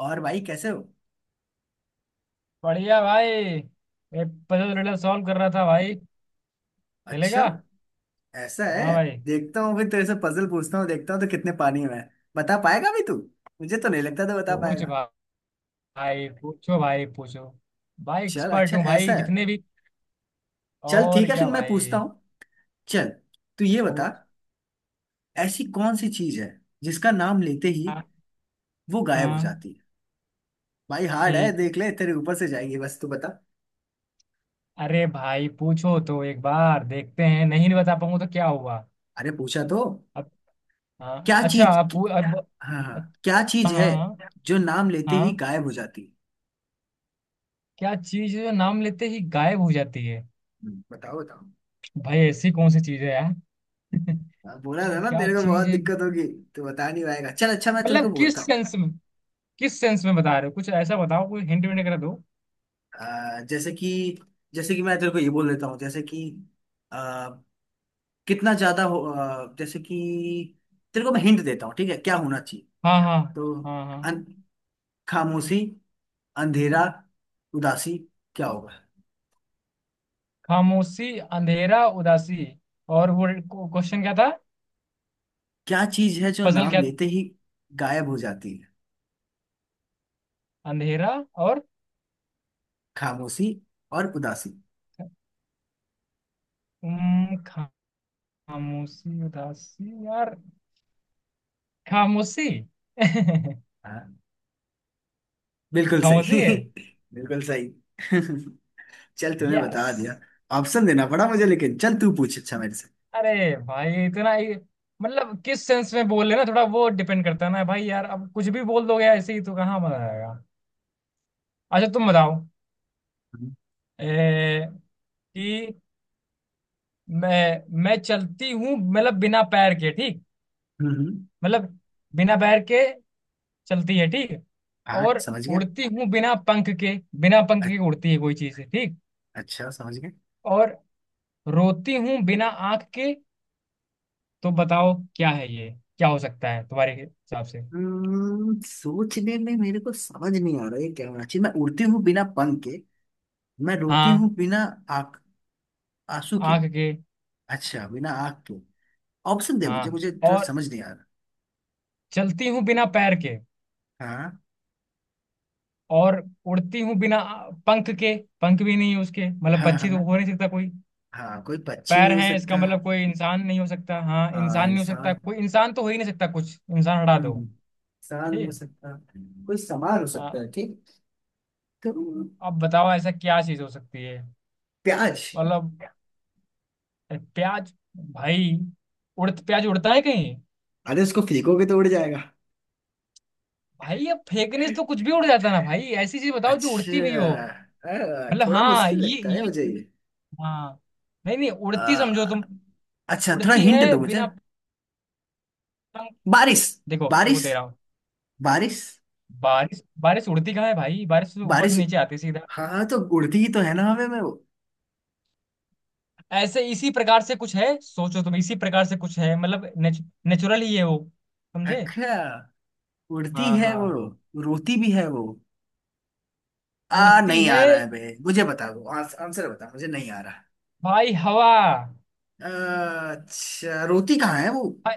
और भाई कैसे हो। बढ़िया भाई। ये पजल रिडल सॉल्व कर रहा था भाई। अच्छा, चलेगा। ऐसा हाँ है। भाई। देखता हूँ, फिर तेरे से पजल पूछता हूँ, देखता हूँ तो कितने पानी में है। बता पाएगा भी तू? मुझे तो नहीं लगता तो बता पूछ। पाएगा। भाई पूछो। भाई चल एक्सपर्ट अच्छा, हूँ ऐसा भाई है। जितने भी। चल और ठीक है, फिर क्या मैं पूछता भाई। हूँ। चल तू ये बता, पूछ। ऐसी कौन सी चीज है जिसका नाम लेते ही हाँ वो गायब हो हाँ, जाती है? भाई हार्ड है, ठीक। देख ले, तेरे ऊपर से जाएगी, बस तू बता। अरे भाई पूछो तो एक बार देखते हैं, नहीं नहीं बता पाऊंगा तो क्या हुआ। अरे पूछा तो। अब। हाँ क्या अच्छा, चीज? अब अब। हाँ हाँ, अच्छा। क्या चीज है हाँ हाँ। जो नाम लेते ही हाँ, गायब हो जाती है? क्या चीज है जो नाम लेते ही गायब हो जाती है। बताओ बताओ। भाई ऐसी कौन सी चीज है यार। हाँ, बोला था ना क्या तेरे को चीज बहुत है। दिक्कत होगी। तो बता नहीं पाएगा, चल अच्छा मैं तेरे मतलब को बोलता किस हूँ। सेंस में। किस सेंस में बता रहे हो, कुछ ऐसा बताओ, कोई हिंट विंट कर दो। जैसे कि, जैसे कि मैं तेरे को ये बोल देता हूँ, जैसे कि अ, कितना ज्यादा हो, जैसे कि तेरे को मैं हिंट देता हूँ, ठीक है क्या होना चाहिए। हाँ हाँ। तो हाँ हाँ। अन, खामोशी, अंधेरा, उदासी, क्या होगा? खामोशी, अंधेरा, उदासी। और वो क्वेश्चन क्या था। क्या चीज है जो पजल नाम क्या था। लेते ही गायब हो जाती है? अंधेरा और खामोशी और उदासी। उम, खा- खामोशी उदासी यार। खामोशी। हाँ, बिल्कुल सही। खामोशी है। बिल्कुल सही। चल तूने यस। बता दिया। ऑप्शन देना पड़ा मुझे लेकिन। चल तू पूछ अच्छा मेरे से। अरे भाई इतना ही। मतलब किस सेंस में बोल रहे हो ना, थोड़ा वो डिपेंड करता है ना भाई यार, अब कुछ भी बोल दोगे ऐसे ही तो कहाँ मजा आएगा। अच्छा तुम बताओ। हम्म। ए, कि मैं चलती हूँ मतलब बिना पैर के, ठीक। हम्म। मतलब बिना पैर के चलती है, ठीक। हाँ और समझ गया। उड़ती हूँ बिना पंख के। बिना पंख अ- के उड़ती है कोई चीज, ठीक। अच्छा समझ गया। और रोती हूँ बिना आंख के। तो बताओ क्या है ये। क्या हो सकता है तुम्हारे हिसाब से। सोचने में मेरे को समझ नहीं आ रहा है क्या होना चाहिए। मैं उड़ती हूँ बिना पंख के, मैं रोती हाँ, हूँ बिना आंख, आंसू के आंख के। अच्छा, बिना आंख के। ऑप्शन दे मुझे, हाँ। मुझे थोड़ा और समझ नहीं आ रहा। चलती हूँ बिना पैर के, हाँ और उड़ती हूँ बिना पंख के। पंख भी नहीं है उसके, मतलब हाँ। पक्षी तो हाँ हो नहीं सकता कोई। हाँ, कोई पक्षी पैर नहीं हो हैं, इसका सकता। मतलब कोई इंसान नहीं हो सकता। हाँ, हाँ इंसान नहीं हो सकता, इंसान। कोई इंसान तो हो ही नहीं सकता, कुछ इंसान हटा दो। हम्म, इंसान नहीं हो ठीक। सकता, कोई सामान हो आ, सकता है, ठीक। तो अब बताओ ऐसा क्या चीज हो सकती है। प्याज। मतलब प्याज, भाई उड़ प्याज उड़ता है कहीं। अरे उसको फेंकोगे तो उड़ जाएगा। भाई अब फेंकने से तो कुछ भी उड़ जाता है ना भाई, ऐसी चीज बताओ जो उड़ती भी हो। अच्छा, मतलब थोड़ा हाँ मुश्किल ये लगता है ये मुझे ये। हाँ। नहीं नहीं, उड़ती समझो तुम। अ, अच्छा, थोड़ा उड़ती हिंट है दो मुझे। बिना पंख। बारिश। देखो वो बारिश। दे रहा हूँ। बारिश। बारिश बारिश उड़ती कहाँ है भाई, बारिश तो ऊपर से बारिश। नीचे आती है सीधा। हाँ हाँ, तो उड़ती ही तो है ना हवा में वो। ऐसे इसी प्रकार से कुछ है, सोचो तुम इसी प्रकार से कुछ है, मतलब नेचुरल ही है वो। समझे। अच्छा, उड़ती हाँ है वो, हाँ। रोती भी है वो। आ उड़ती नहीं आ है रहा है बे, मुझे बता दो, आंसर बता, मुझे नहीं आ रहा। भाई, हवा। अच्छा, रोती कहाँ है वो? भाई,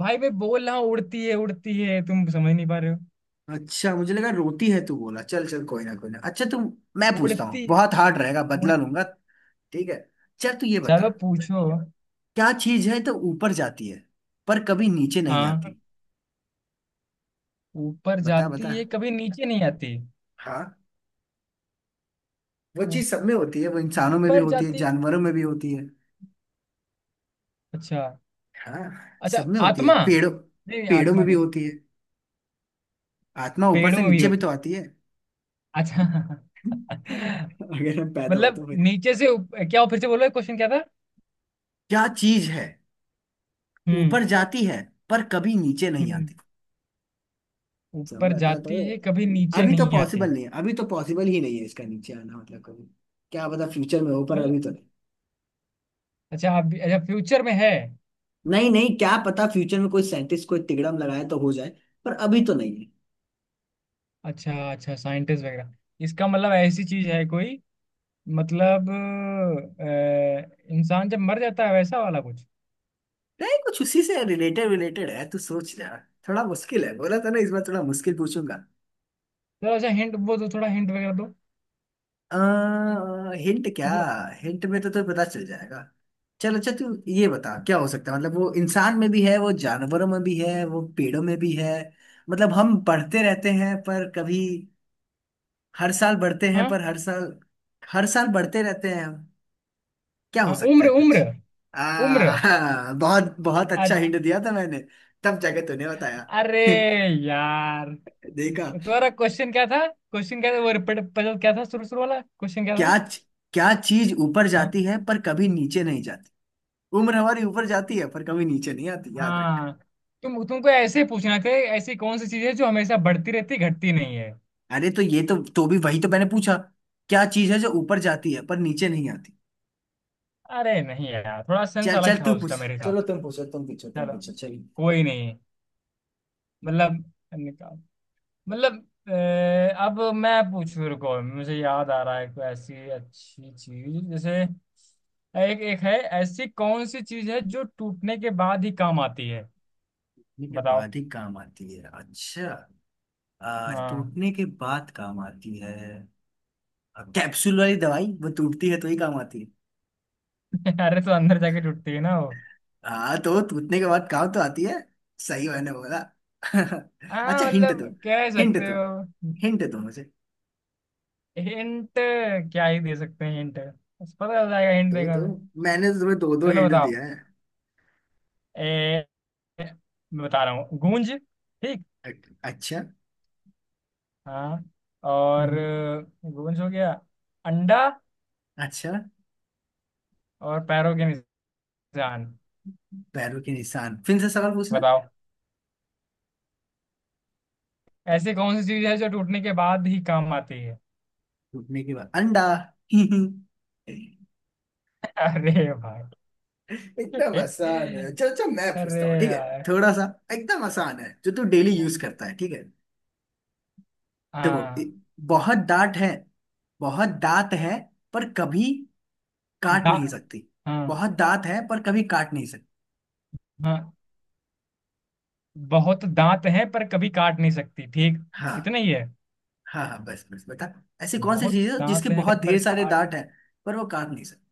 भाई मैं बोल रहा हूँ उड़ती है उड़ती है, तुम समझ नहीं पा रहे हो। अच्छा, मुझे लगा रोती है, तू बोला, चल चल, कोई ना कोई ना, अच्छा तू। मैं पूछता हूँ, उड़ती, बहुत हार्ड रहेगा, उड़। बदला लूंगा। ठीक है, चल तू ये बता। चलो पूछो। क्या चीज है तो ऊपर जाती है पर कभी नीचे नहीं हाँ। आती? ऊपर बता जाती बता। है, कभी नीचे नहीं आती। हाँ, वो चीज सब में होती है, वो इंसानों में भी ऊपर होती है, जाती। जानवरों में भी होती है। अच्छा। हाँ अच्छा सब में होती है, आत्मा, पेड़ों, नहीं नहीं, पेड़ों में आत्मा भी नहीं। होती है। आत्मा ऊपर पेड़ों से में भी नीचे भी होती। तो आती है। अच्छा। अगर हम पैदा हो मतलब तो फिर। नीचे से क्या हो, फिर से बोलो क्वेश्चन क्या था। क्या चीज है ऊपर हम्म। जाती है पर कभी नीचे नहीं हम्म। आती? ऊपर समझता तो। जाती है, कभी नीचे अभी तो नहीं आती। पॉसिबल नहीं है, अभी तो पॉसिबल ही नहीं है इसका नीचे आना, मतलब कभी। क्या पता फ्यूचर में हो पर मतलब अभी तो नहीं। अच्छा, आप भी अच्छा, फ्यूचर में है। नहीं नहीं, क्या पता फ्यूचर में कोई साइंटिस्ट कोई तिगड़म लगाए तो हो जाए, पर अभी तो नहीं है। अच्छा अच्छा, साइंटिस्ट वगैरह। इसका मतलब ऐसी चीज है कोई। मतलब इंसान जब मर जाता है वैसा वाला कुछ। नहीं, कुछ उसी से रिलेटेड रिलेटेड है, तू सोच ले। थोड़ा मुश्किल है, बोला था ना इस बार थोड़ा मुश्किल पूछूंगा। थोड़ा अच्छा हिंट वो दो, थोड़ा हिंट वगैरह दो। हिंट क्या? मतलब। हिंट में तो तुझे पता चल जाएगा। चल अच्छा, तू ये बता क्या हो सकता है, मतलब वो इंसान में भी है, वो जानवरों में भी है, वो पेड़ों में भी है, मतलब हम पढ़ते रहते हैं पर कभी, हर साल बढ़ते हैं हाँ पर हर साल, हर साल बढ़ते रहते हैं हम। क्या हो हाँ, सकता उम्र है उम्र। कुछ? आ उम्र। हाँ, बहुत बहुत अच्छा अ- हिंट दिया था मैंने। तब जाके तूने बताया। अरे यार। देखा? तुम्हारा क्वेश्चन क्या था, क्वेश्चन क्या था वो रिपीट। क्या था, शुरू शुरू वाला क्वेश्चन क्या था। क्या? क्या चीज ऊपर हाँ? जाती है पर कभी नीचे नहीं जाती? उम्र हमारी ऊपर जाती है पर कभी नीचे नहीं आती, याद रख। हाँ। तुम तुमको ऐसे ही पूछना थे। ऐसी कौन सी चीज है जो हमेशा बढ़ती रहती, घटती नहीं है। अरे तो ये तो भी वही तो मैंने पूछा, क्या चीज है जो ऊपर जाती है पर नीचे नहीं आती? अरे नहीं यार, थोड़ा सेंस चल चल, अलग था तू उसका पूछ, मेरे चलो साथ। तुम पूछो तुम पूछो तुम चलो पूछो, चल। कोई नहीं। मतलब निकाल। मतलब अब मैं पूछ, रुको मुझे याद आ रहा है कोई ऐसी अच्छी चीज, जैसे एक एक है। ऐसी कौन सी चीज है जो टूटने के बाद ही काम आती है। मेरे बताओ। बाद ही काम आती है अच्छा। हाँ। टूटने के बाद काम आती है। कैप्सूल वाली दवाई, वो टूटती है तो ही काम आती है। अरे तो अंदर जाके टूटती है ना वो। हाँ तो टूटने के बाद काम तो आती है, सही मैंने बोला। अच्छा हाँ हिंट दो। मतलब कह हिंट सकते दो, हो। हिंट दो मुझे। हिंट क्या ही दे सकते हैं हिंट, बस पता चल जाएगा हिंट दो देगा दो, तो। मैंने तो तुम्हें दो दो चलो हिंट दिया बताओ। है। ए, मैं बता रहा हूँ गूंज। ठीक। अ- अच्छा। हाँ। और हम्म, गूंज हो गया, अंडा, अच्छा। और पैरों के निशान। पैरों के निशान, फिर से सवाल पूछना। बताओ ऐसी कौन सी चीज है जो टूटने के बाद ही काम आती है। टूटने के बाद अंडा। अरे भाई, एकदम आसान है। चलो अच्छा, मैं अरे पूछता हूँ, ठीक है। यार। थोड़ा सा, एकदम आसान है, जो तू डेली यूज करता है, ठीक है। देखो, हाँ। बहुत दांत है, बहुत दांत है, पर कभी काट दा, नहीं सकती। हाँ। बहुत दांत है, पर कभी काट नहीं सकती। हाँ, बहुत दांत हैं पर कभी काट नहीं सकती, ठीक। हाँ। इतना ही है। हाँ हाँ, बस बस बेटा। ऐसी कौन सी बहुत चीज है जिसके दांत बहुत हैं पर ढेर सारे काट। दांत हैं, पर वो काट नहीं सकती?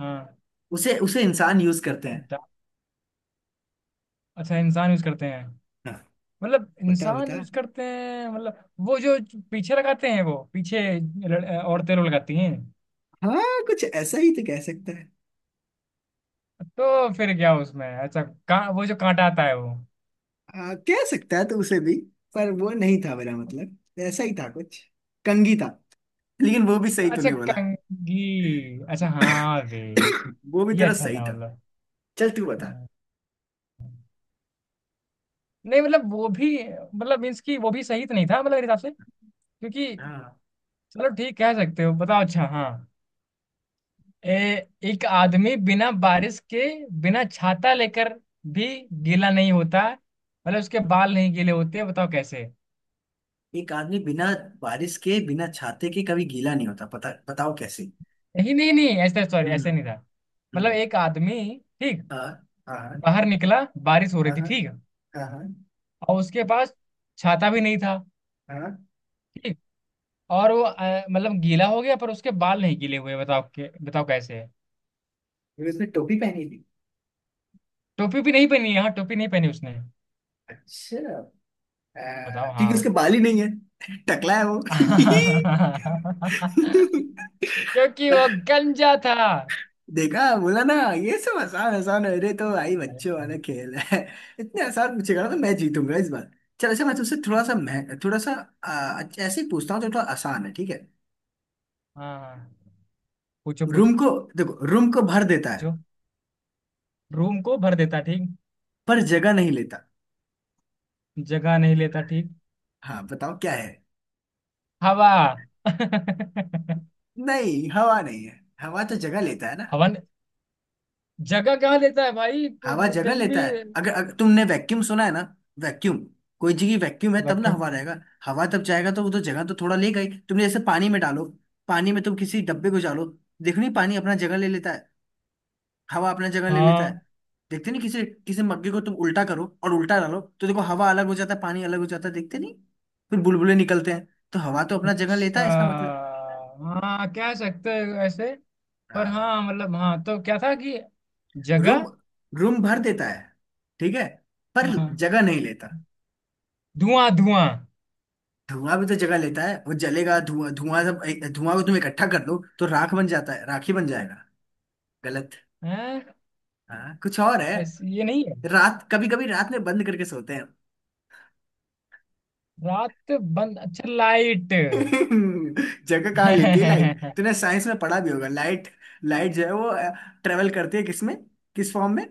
हाँ उसे उसे इंसान यूज करते हैं। दांत। अच्छा इंसान यूज करते हैं, हाँ। मतलब बता इंसान बता। यूज करते हैं मतलब वो जो पीछे लगाते हैं, वो पीछे औरतें लोग लगाती हैं। हाँ कुछ ऐसा ही तो कह सकता है। तो फिर क्या उसमें, अच्छा का वो जो कांटा आता है वो। कह सकता है तो उसे भी, पर वो नहीं था मेरा मतलब। ऐसा ही था कुछ, कंघी था, लेकिन वो भी सही अच्छा तूने बोला। कंघी, अच्छा हाँ वे। वो भी ये तेरा अच्छा सही था था। मतलब। चल तू बता। हाँ। नहीं मतलब वो भी मतलब मीन्स की वो भी सही तो नहीं था मतलब मेरे हिसाब से, क्योंकि। हाँ। चलो ठीक कह सकते हो। बताओ। अच्छा हाँ। एक आदमी बिना बारिश के, बिना छाता लेकर भी गीला नहीं होता, मतलब उसके बाल नहीं गीले होते, बताओ कैसे। एक आदमी बिना बारिश के, बिना छाते के कभी गीला नहीं होता, पता बताओ कैसे? नहीं नहीं नहीं, ऐसे सॉरी, हम्म। ऐसे नहीं था। मतलब हम्म। एक आदमी, ठीक, हाँ हाँ। बाहर निकला, बारिश हो रही हाँ थी, ठीक, हाँ। हाँ और उसके पास छाता भी नहीं था, हाँ। ठीक, और वो मतलब गीला हो गया पर उसके बाल नहीं गीले हुए, बताओ के बताओ कैसे। फिर उसने टोपी पहनी थी। टोपी भी नहीं पहनी, हाँ टोपी नहीं पहनी उसने। अच्छा, बताओ क्योंकि हाँ। उसके बाल ही नहीं है। टकला है वो। क्योंकि वो गंजा था। देखा, बोला ना ये सब आसान आसान है, अरे तो भाई हाँ बच्चों वाला खेल है। इतने आसान पूछेगा ना तो मैं जीतूंगा इस बार। चल अच्छा, मैं तुमसे थोड़ा सा, मैं थोड़ा सा अच्छा, ऐसे ही पूछता हूँ जो थोड़ा आसान है, ठीक है। हाँ। पूछो रूम पूछो। को, देखो, रूम को भर देता है रूम को भर देता, ठीक। पर जगह नहीं लेता। जगह नहीं लेता, ठीक। हाँ बताओ क्या है? हवा। नहीं, हवा नहीं है, हवा तो जगह लेता है ना। हवा ने- जगह कहाँ लेता है भाई, हवा जगह कहीं लेता भी। है, अगर, अगर तुमने वैक्यूम सुना है ना, वैक्यूम, कोई जगह वैक्यूम है तब ना वैक्यूम। हवा रहेगा। हवा तब जाएगा तो वो तो जगह तो थोड़ा ले गई, तुमने जैसे पानी में डालो, पानी में तुम किसी डब्बे को डालो, देखो नहीं पानी अपना जगह ले लेता है, हवा अपना जगह ले लेता हाँ। है। देखते नहीं, किसी किसी मग्गे को तुम उल्टा करो और उल्टा डालो तो देखो हवा अलग हो जाता है पानी अलग हो जाता है, देखते नहीं, फिर बुलबुले निकलते हैं। तो हवा तो अपना जगह लेता अच्छा है, इसका मतलब। हाँ कह सकते हैं ऐसे। पर हाँ। हाँ मतलब हाँ, तो क्या था कि रूम, जगह। रूम भर देता है, ठीक है, पर हाँ जगह नहीं लेता। धुआं धुआं। धुआं भी तो जगह लेता है, वो जलेगा, धुआं धुआं सब, धुआं को तुम इकट्ठा कर दो तो राख बन जाता है, राखी बन जाएगा। गलत। हैं, हाँ कुछ और है। ऐसे ये नहीं है। रात, कभी कभी रात में बंद करके सोते हैं। रात बंद, अच्छा लाइट। जगह कहाँ लेती है लाइट, तूने साइंस में पढ़ा भी होगा, लाइट, लाइट जो है वो ट्रेवल करती है किसमें, किस फॉर्म में?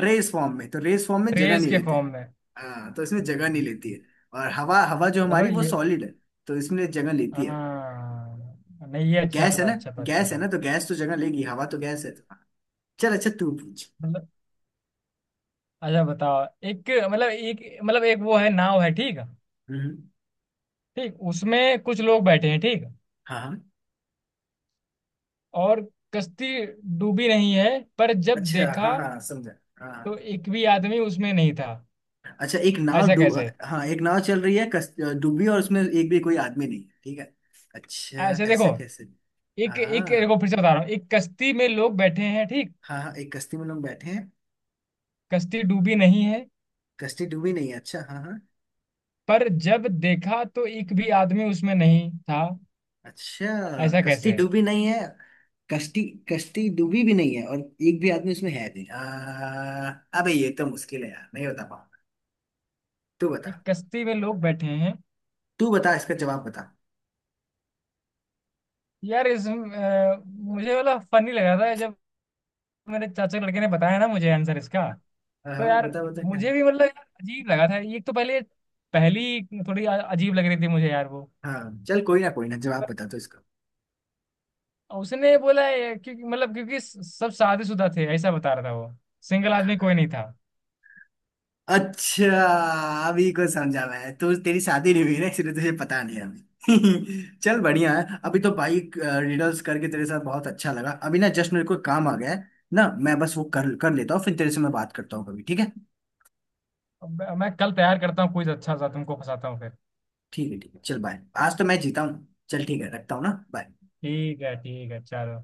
रेस फॉर्म में, तो रेस फॉर्म में जगह रेस नहीं के लेते। फॉर्म में। हाँ तो इसमें जगह नहीं हम्म। लेती है। और हवा, हवा जो चलो हमारी वो ये। सॉलिड है, तो इसमें जगह लेती है। हाँ नहीं, ये अच्छा गैस है था, ना, अच्छा था, अच्छा गैस है था। ना तो गैस तो जगह लेगी, हवा तो गैस है। चल अच्छा, तू पूछ। मतलब अच्छा बताओ, एक मतलब एक मतलब एक वो है, नाव है, ठीक है। हम्म। ठीक, उसमें कुछ लोग बैठे हैं, ठीक, हाँ हाँ। और कश्ती डूबी नहीं है, पर जब अच्छा हाँ देखा हाँ, समझा, तो हाँ। एक भी आदमी उसमें नहीं था। अच्छा एक नाव ऐसा डू, कैसे। हाँ एक नाव चल रही है, डूबी और उसमें एक भी कोई आदमी नहीं है, ठीक है। अच्छा। ऐसे देखो, ऐसा कैसे? एक एक हाँ। देखो फिर से बता रहा हूँ, एक कश्ती में लोग बैठे हैं, ठीक। हाँ हाँ एक कश्ती में लोग बैठे हैं। कश्ती डूबी नहीं है, कश्ती डूबी नहीं है, अच्छा हाँ हाँ। पर जब देखा तो एक भी आदमी उसमें नहीं था, अच्छा। ऐसा कश्ती कैसे। डूबी नहीं है, कश्ती, कश्ती डूबी भी नहीं है और एक भी आदमी उसमें है नहीं, अबे ये तो मुश्किल है यार, नहीं बता पाऊँ, तू बता। एक कश्ती में लोग बैठे हैं। तू बता इसका जवाब बता। यार इस मुझे मतलब फनी लगा था जब मेरे चाचा के लड़के ने बताया ना मुझे आंसर इसका। हाँ। तो हाँ, यार बता बता क्या। मुझे भी मतलब यार अजीब लगा था ये तो, पहले, पहली थोड़ी अजीब लग रही थी मुझे यार वो। हाँ चल, कोई ना कोई ना, जवाब पर बता तो इसका। उसने बोला ये क्योंकि मतलब क्योंकि सब शादीशुदा थे ऐसा बता रहा था वो, सिंगल आदमी कोई नहीं था। अच्छा, अभी को समझा मैं, तो तेरी शादी नहीं हुई ना, इसलिए तुझे पता नहीं है अभी। चल बढ़िया है, अभी अब तो भाई रिडल्स करके तेरे साथ बहुत अच्छा लगा। अभी ना जस्ट मेरे को काम आ गया है ना, मैं बस वो कर कर लेता हूँ, फिर तेरे से मैं बात करता हूँ कभी, ठीक है। मैं कल तैयार करता हूँ कुछ अच्छा सा, तुमको फंसाता हूँ फिर। ठीक है ठीक है, चल बाय। आज तो मैं जीता हूँ, चल ठीक है, रखता हूँ ना, बाय। ठीक है ठीक है, चलो।